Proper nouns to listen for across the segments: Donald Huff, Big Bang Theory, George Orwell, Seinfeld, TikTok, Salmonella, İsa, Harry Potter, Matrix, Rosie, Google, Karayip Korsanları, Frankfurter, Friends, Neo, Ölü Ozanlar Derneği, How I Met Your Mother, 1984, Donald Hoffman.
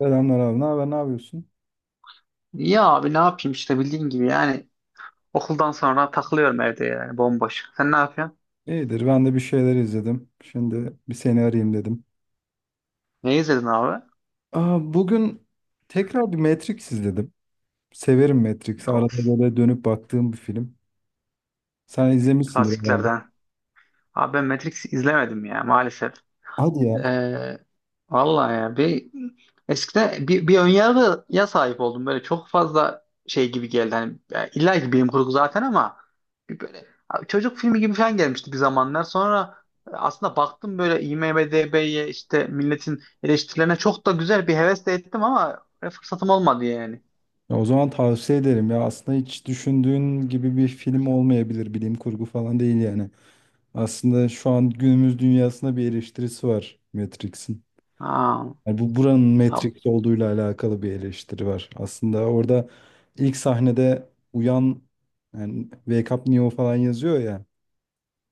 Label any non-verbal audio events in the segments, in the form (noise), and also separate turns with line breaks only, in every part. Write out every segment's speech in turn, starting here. Selamlar abi. Ne haber? Ne yapıyorsun?
İyi abi ne yapayım işte bildiğin gibi yani okuldan sonra takılıyorum evde yani bomboş. Sen ne yapıyorsun?
İyidir. Ben de bir şeyler izledim. Şimdi bir seni arayayım dedim.
Ne izledin abi?
Bugün tekrar bir Matrix izledim. Severim Matrix'i. Arada
Of,
böyle dönüp baktığım bir film. Sen izlemişsindir herhalde.
klasiklerden. Abi ben Matrix izlemedim ya maalesef.
Hadi ya.
Ee, vallahi ya eskiden bir önyargıya sahip oldum. Böyle çok fazla şey gibi geldi. Hani ya illa ki bilim kurgu zaten ama bir böyle abi çocuk filmi gibi falan gelmişti bir zamanlar. Sonra aslında baktım böyle IMDb'ye işte milletin eleştirilerine çok da güzel bir hevesle ettim ama fırsatım olmadı yani.
Ya o zaman tavsiye ederim ya. Aslında hiç düşündüğün gibi bir film olmayabilir. Bilim kurgu falan değil yani. Aslında şu an günümüz dünyasında bir eleştirisi var Matrix'in.
Ha,
Yani bu buranın Matrix olduğuyla alakalı bir eleştiri var. Aslında orada ilk sahnede uyan, yani Wake Up Neo falan yazıyor ya.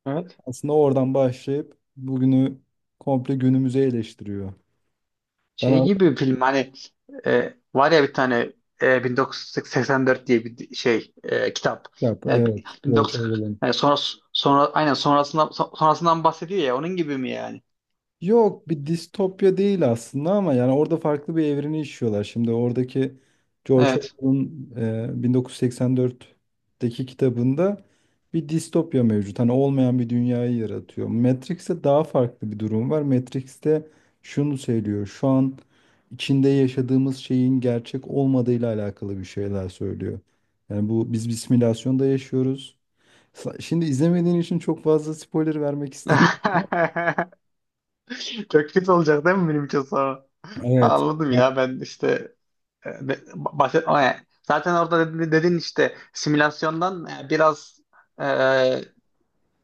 ya,
Aslında oradan başlayıp bugünü komple günümüze eleştiriyor. Ben
şey gibi
artık
bir film hani, var ya bir tane 1984 diye bir şey kitap.
yap.
Yani
Evet. George
1940,
Orwell'ın.
yani sonra aynen sonrasından sonrasından bahsediyor ya, onun gibi mi yani?
Yok, bir distopya değil aslında ama yani orada farklı bir evreni işliyorlar. Şimdi oradaki George
Evet.
Orwell'ın 1984'teki kitabında bir distopya mevcut. Hani olmayan bir dünyayı yaratıyor. Matrix'te daha farklı bir durum var. Matrix'te şunu söylüyor. Şu an içinde yaşadığımız şeyin gerçek olmadığıyla alakalı bir şeyler söylüyor. Yani bu, biz bir simülasyonda yaşıyoruz. Şimdi izlemediğin için çok fazla spoiler vermek (laughs) istemiyorum.
(laughs) Çok kötü olacak değil mi benim için sonra?
Evet.
Anladım ya, ben işte, o yani. Zaten orada dedin işte simülasyondan biraz, e,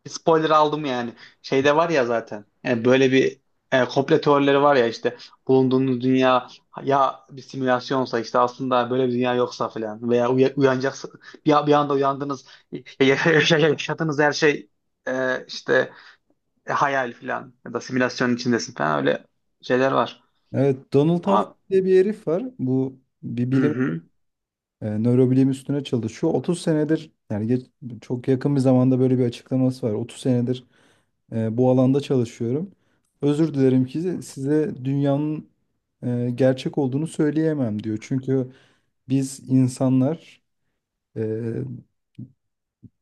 Bir spoiler aldım yani. Şeyde var ya zaten. Yani böyle bir, komplo teorileri var ya, işte bulunduğunuz dünya ya bir simülasyonsa, işte aslında böyle bir dünya yoksa falan, veya uyanacaksın, bir anda uyandınız, e, ya- ya- yaşadığınız her şey işte hayal falan ya da simülasyonun içindesin falan, öyle şeyler var.
Evet, Donald Huff
Ama
diye bir herif var. Bu bir
hı hı,
nörobilim üstüne çalışıyor. 30 senedir, yani çok yakın bir zamanda böyle bir açıklaması var. 30 senedir bu alanda çalışıyorum. Özür dilerim ki size dünyanın gerçek olduğunu söyleyemem, diyor. Çünkü biz insanlar, e,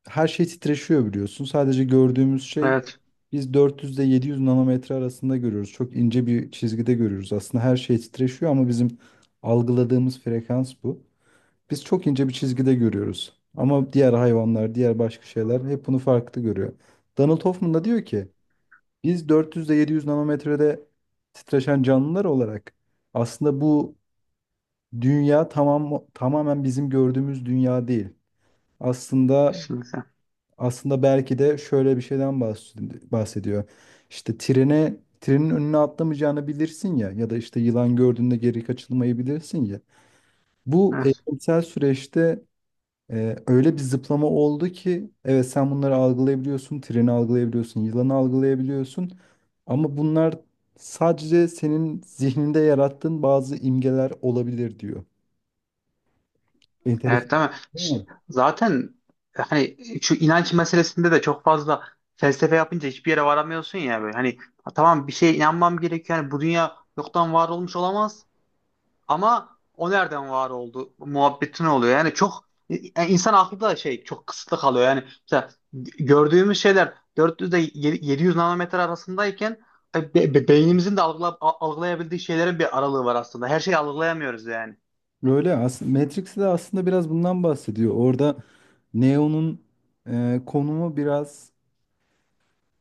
her şey titreşiyor biliyorsun. Sadece gördüğümüz şey,
evet
biz 400 ile 700 nanometre arasında görüyoruz. Çok ince bir çizgide görüyoruz. Aslında her şey titreşiyor ama bizim algıladığımız frekans bu. Biz çok ince bir çizgide görüyoruz. Ama diğer hayvanlar, diğer başka şeyler hep bunu farklı görüyor. Donald Hoffman da diyor ki biz 400 ile 700 nanometrede titreşen canlılar olarak aslında bu dünya tamamen bizim gördüğümüz dünya değil. Aslında
kesinlikle.
aslında belki de şöyle bir şeyden bahsediyor. İşte trenin önüne atlamayacağını bilirsin ya, ya da işte yılan gördüğünde geri kaçılmayı bilirsin ya. Bu
Evet.
eğitimsel süreçte öyle bir zıplama oldu ki evet, sen bunları algılayabiliyorsun, treni algılayabiliyorsun, yılanı algılayabiliyorsun. Ama bunlar sadece senin zihninde yarattığın bazı imgeler olabilir, diyor.
Evet
Enteresan,
değil mi?
değil mi?
Zaten hani şu inanç meselesinde de çok fazla felsefe yapınca hiçbir yere varamıyorsun ya böyle. Hani "Ha, tamam, bir şeye inanmam gerekiyor. Yani bu dünya yoktan var olmuş olamaz ama o nereden var oldu muhabbetin oluyor." Yani çok, yani insan aklı da şey, çok kısıtlı kalıyor. Yani mesela gördüğümüz şeyler 400 ile 700 nanometre arasındayken, beynimizin de algılayabildiği şeylerin bir aralığı var aslında. Her şeyi algılayamıyoruz yani.
Böyle aslında Matrix'te de aslında biraz bundan bahsediyor. Orada Neo'nun konumu biraz,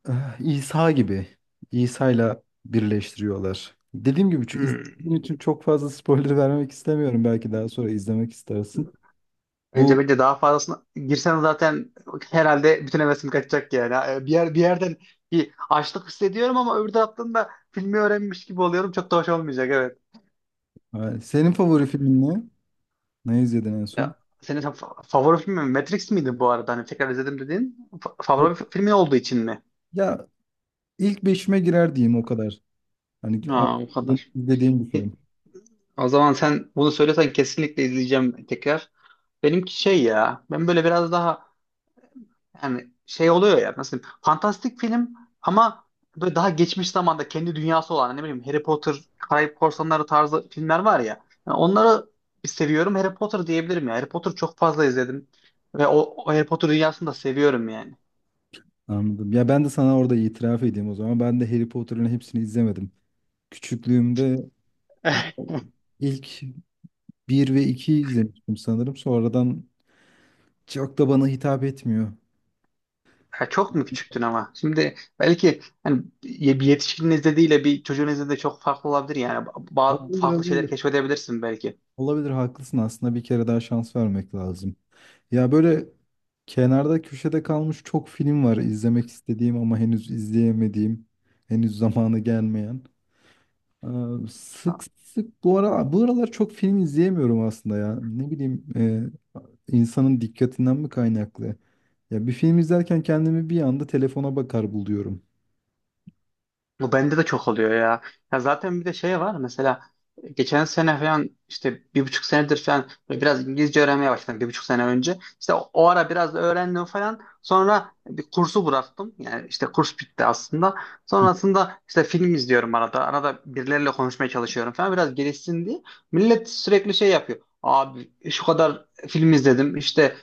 İsa gibi. İsa'yla birleştiriyorlar. Dediğim gibi şu
Hmm.
izlediğin için çok fazla spoiler (laughs) vermek istemiyorum. Belki daha sonra izlemek istersin.
Bence
Bu,
bence daha fazlasına girsen zaten herhalde bütün hevesim kaçacak yani. Bir yerden bir açlık hissediyorum ama öbür taraftan da filmi öğrenmiş gibi oluyorum. Çok da hoş olmayacak, evet.
senin favori filmin ne? Ne izledin en
Ya
son?
senin favori filmin Matrix miydi bu arada? Hani tekrar izledim dediğin favori filmin olduğu için mi?
Ya, ilk beşime girer diyeyim, o kadar. Hani
Aa,
artık
o kadar.
izlediğim bir
E,
film.
O zaman sen bunu söylesen kesinlikle izleyeceğim tekrar. Benimki şey ya. Ben böyle biraz daha, yani şey oluyor ya, nasıl diyeyim, fantastik film ama böyle daha geçmiş zamanda kendi dünyası olan, ne bileyim, Harry Potter, Karayip Korsanları tarzı filmler var ya. Yani onları seviyorum. Harry Potter diyebilirim ya. Harry Potter çok fazla izledim ve o Harry Potter dünyasını da seviyorum yani.
Anladım. Ya ben de sana orada itiraf edeyim o zaman. Ben de Harry Potter'ın hepsini izlemedim. Küçüklüğümde İlk,
(laughs)
ilk bir ve 2 izlemiştim sanırım. Sonradan çok da bana hitap etmiyor.
Ya çok mu küçüktün ama? Şimdi belki hani bir yetişkinin izlediğiyle bir çocuğun izlediği de çok farklı olabilir yani. Ba- ba-
Olabilir,
farklı şeyler
olabilir.
keşfedebilirsin belki.
Olabilir, haklısın. Aslında bir kere daha şans vermek lazım. Ya, böyle kenarda köşede kalmış çok film var izlemek istediğim ama henüz izleyemediğim, henüz zamanı gelmeyen. Ee, Sık sık bu aralar çok film izleyemiyorum aslında ya. Ne bileyim, insanın dikkatinden mi kaynaklı? Ya bir film izlerken kendimi bir anda telefona bakar buluyorum.
Bu bende de çok oluyor ya. Ya zaten bir de şey var mesela, geçen sene falan, işte bir buçuk senedir falan böyle biraz İngilizce öğrenmeye başladım, bir buçuk sene önce. İşte o ara biraz da öğrendim falan. Sonra bir kursu bıraktım. Yani işte kurs bitti aslında. Sonrasında işte film izliyorum arada. Arada birileriyle konuşmaya çalışıyorum falan, biraz gelişsin diye. Millet sürekli şey yapıyor. Abi şu kadar film izledim işte,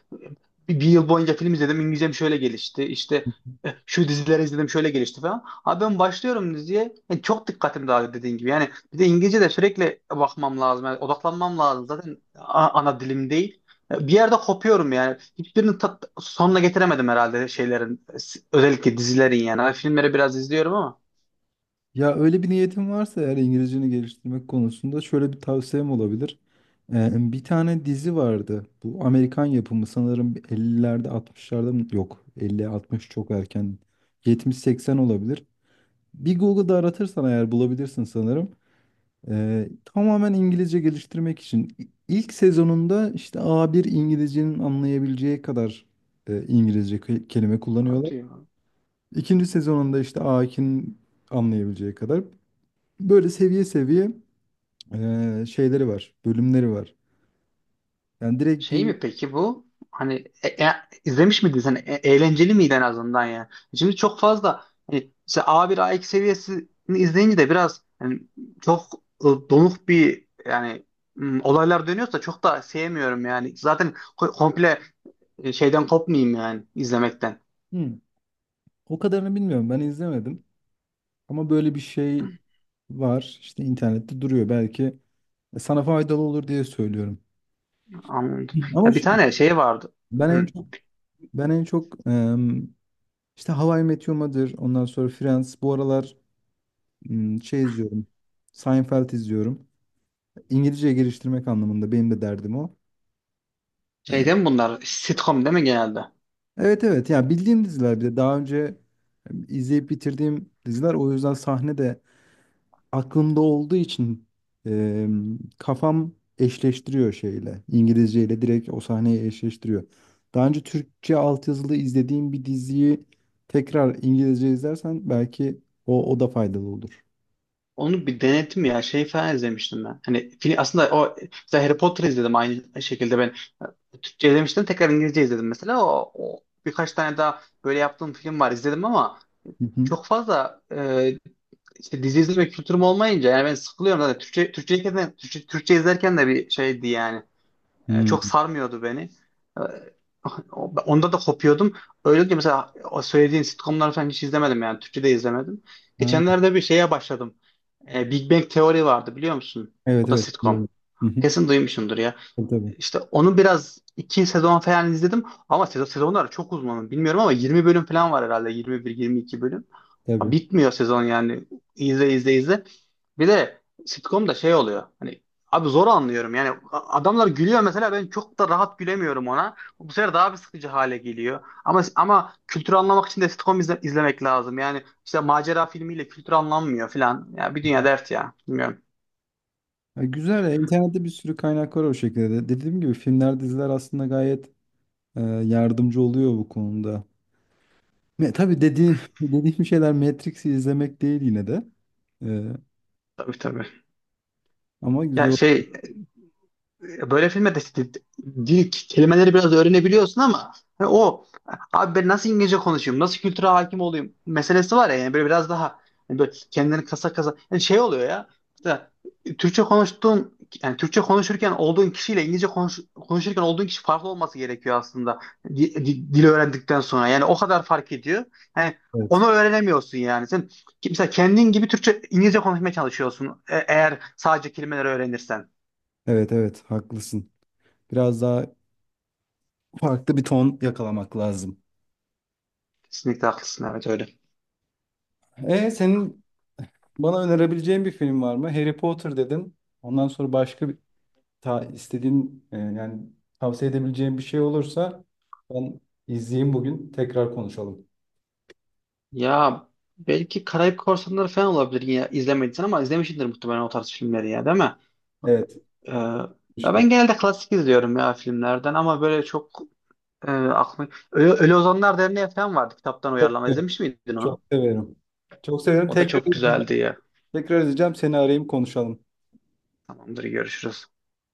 bir yıl boyunca film izledim. İngilizcem şöyle gelişti. İşte şu dizileri izledim, şöyle gelişti falan. Abi ben başlıyorum diziye. Yani çok dikkatim dağıldı dediğin gibi. Yani bir de İngilizce de sürekli bakmam lazım. Yani odaklanmam lazım. Zaten ana dilim değil. Bir yerde kopuyorum yani. Hiçbirini sonuna getiremedim herhalde şeylerin. Özellikle dizilerin yani. Hani filmleri biraz izliyorum ama.
Ya öyle bir niyetin varsa eğer İngilizceni geliştirmek konusunda şöyle bir tavsiyem olabilir. Bir tane dizi vardı. Bu Amerikan yapımı sanırım 50'lerde, 60'larda mı? Yok, 50-60 çok erken. 70-80 olabilir. Bir Google'da aratırsan eğer bulabilirsin sanırım. Tamamen İngilizce geliştirmek için. İlk sezonunda işte A1 İngilizcenin anlayabileceği kadar İngilizce kelime kullanıyorlar.
Hadi ya.
İkinci sezonunda işte Akin anlayabileceği kadar, böyle seviye seviye şeyleri var, bölümleri var. Yani direkt
Şey
bir.
mi peki bu? Hani izlemiş miydin sen? Eğlenceli miydi en azından ya? Şimdi çok fazla hani, mesela A1 A2 seviyesini izleyince de biraz hani çok donuk bir, yani, olaylar dönüyorsa çok da sevmiyorum yani. Zaten komple şeyden kopmayayım yani izlemekten.
Hı, o kadarını bilmiyorum, ben izlemedim ama böyle bir şey var, işte internette duruyor, belki sana faydalı olur diye söylüyorum.
Anladım.
Hı. Ama
Ya bir
şey,
tane şey vardı.
ben en
Hı.
çok ben en çok işte How I Met Your Mother, ondan sonra Friends, bu aralar şey izliyorum. Seinfeld izliyorum. İngilizceye geliştirmek anlamında benim de derdim o.
Şeyden bunlar sitcom değil mi genelde?
Evet, evet, yani bildiğim diziler, bir de daha önce izleyip bitirdiğim diziler. O yüzden sahne de aklımda olduğu için e, kafam eşleştiriyor şeyle, İngilizceyle, direkt o sahneyi eşleştiriyor. Daha önce Türkçe altyazılı izlediğim bir diziyi tekrar İngilizce izlersen belki o da faydalı olur.
Onu bir denedim ya, şey falan izlemiştim ben. Hani film, aslında o, mesela Harry Potter izledim aynı şekilde, Türkçe izlemiştim, tekrar İngilizce izledim mesela. O birkaç tane daha böyle yaptığım film var, izledim ama
Hı hı.
çok fazla, işte dizi izleme kültürüm olmayınca yani ben sıkılıyorum zaten. Türkçe, Türkçe izlerken de bir şeydi yani. Çok
Hmm.
sarmıyordu beni. E, (laughs) onda da kopuyordum. Öyle olunca mesela, o söylediğin sitcomları falan hiç izlemedim yani. Türkçe de izlemedim.
Ha,
Geçenlerde bir şeye başladım. Big Bang Theory vardı, biliyor musun?
evet,
O da
evet.
sitcom.
Biliyorum. Hı hı.
Kesin duymuşsundur ya.
Tabii, tabii.
İşte onu biraz iki sezon falan izledim ama sezonlar çok uzun bilmiyorum ama 20 bölüm falan var herhalde, 21-22 bölüm. Ha,
Tabii.
bitmiyor sezon yani, izle izle izle. Bir de sitcom'da şey oluyor hani, abi zor anlıyorum yani, adamlar gülüyor mesela, ben çok da rahat gülemiyorum ona. Bu sefer daha bir sıkıcı hale geliyor ama kültürü anlamak için de sitcom izlemek lazım yani, işte macera filmiyle kültür anlanmıyor falan ya, bir dünya dert ya, bilmiyorum.
Ya güzel ya, internette bir sürü kaynak var o şekilde de. Dediğim gibi filmler, diziler aslında gayet yardımcı oluyor bu konuda. Tabii (laughs) dediğim şeyler Matrix'i izlemek değil yine de. E,
Tabii tabii.
Ama güzel
Ya
oldu.
şey, böyle filmde de işte dil kelimeleri biraz öğrenebiliyorsun ama hani o, abi ben nasıl İngilizce konuşayım, nasıl kültüre hakim olayım meselesi var ya. Yani böyle biraz daha, hani böyle kendini kasa kasa, yani şey oluyor ya, mesela Türkçe konuştuğun, yani Türkçe konuşurken olduğun kişiyle İngilizce konuşurken olduğun kişi farklı olması gerekiyor aslında, dil öğrendikten sonra yani, o kadar fark ediyor. Yani
Evet.
onu öğrenemiyorsun yani. Sen mesela kendin gibi Türkçe İngilizce konuşmaya çalışıyorsun, eğer sadece kelimeleri öğrenirsen.
Evet, evet, haklısın. Biraz daha farklı bir ton yakalamak lazım.
Kesinlikle haklısın, evet, öyle.
Senin bana önerebileceğin bir film var mı? Harry Potter dedin. Ondan sonra başka bir istediğin, yani tavsiye edebileceğin bir şey olursa ben izleyeyim bugün. Tekrar konuşalım.
Ya belki Karayip Korsanları falan olabilir, yine izlemediysen, ama izlemişsindir muhtemelen o tarz filmleri ya, değil mi?
Evet.
Ee, ya
işte
ben genelde klasik izliyorum ya filmlerden, ama böyle çok aklım... Ölü Ozanlar Derneği falan vardı, kitaptan
çok
uyarlama,
severim.
izlemiş miydin
Çok
onu?
severim. Çok severim.
O da
Tekrar
çok
izleyeyim.
güzeldi ya.
Tekrar edeceğim, seni arayayım, konuşalım.
Tamamdır, görüşürüz.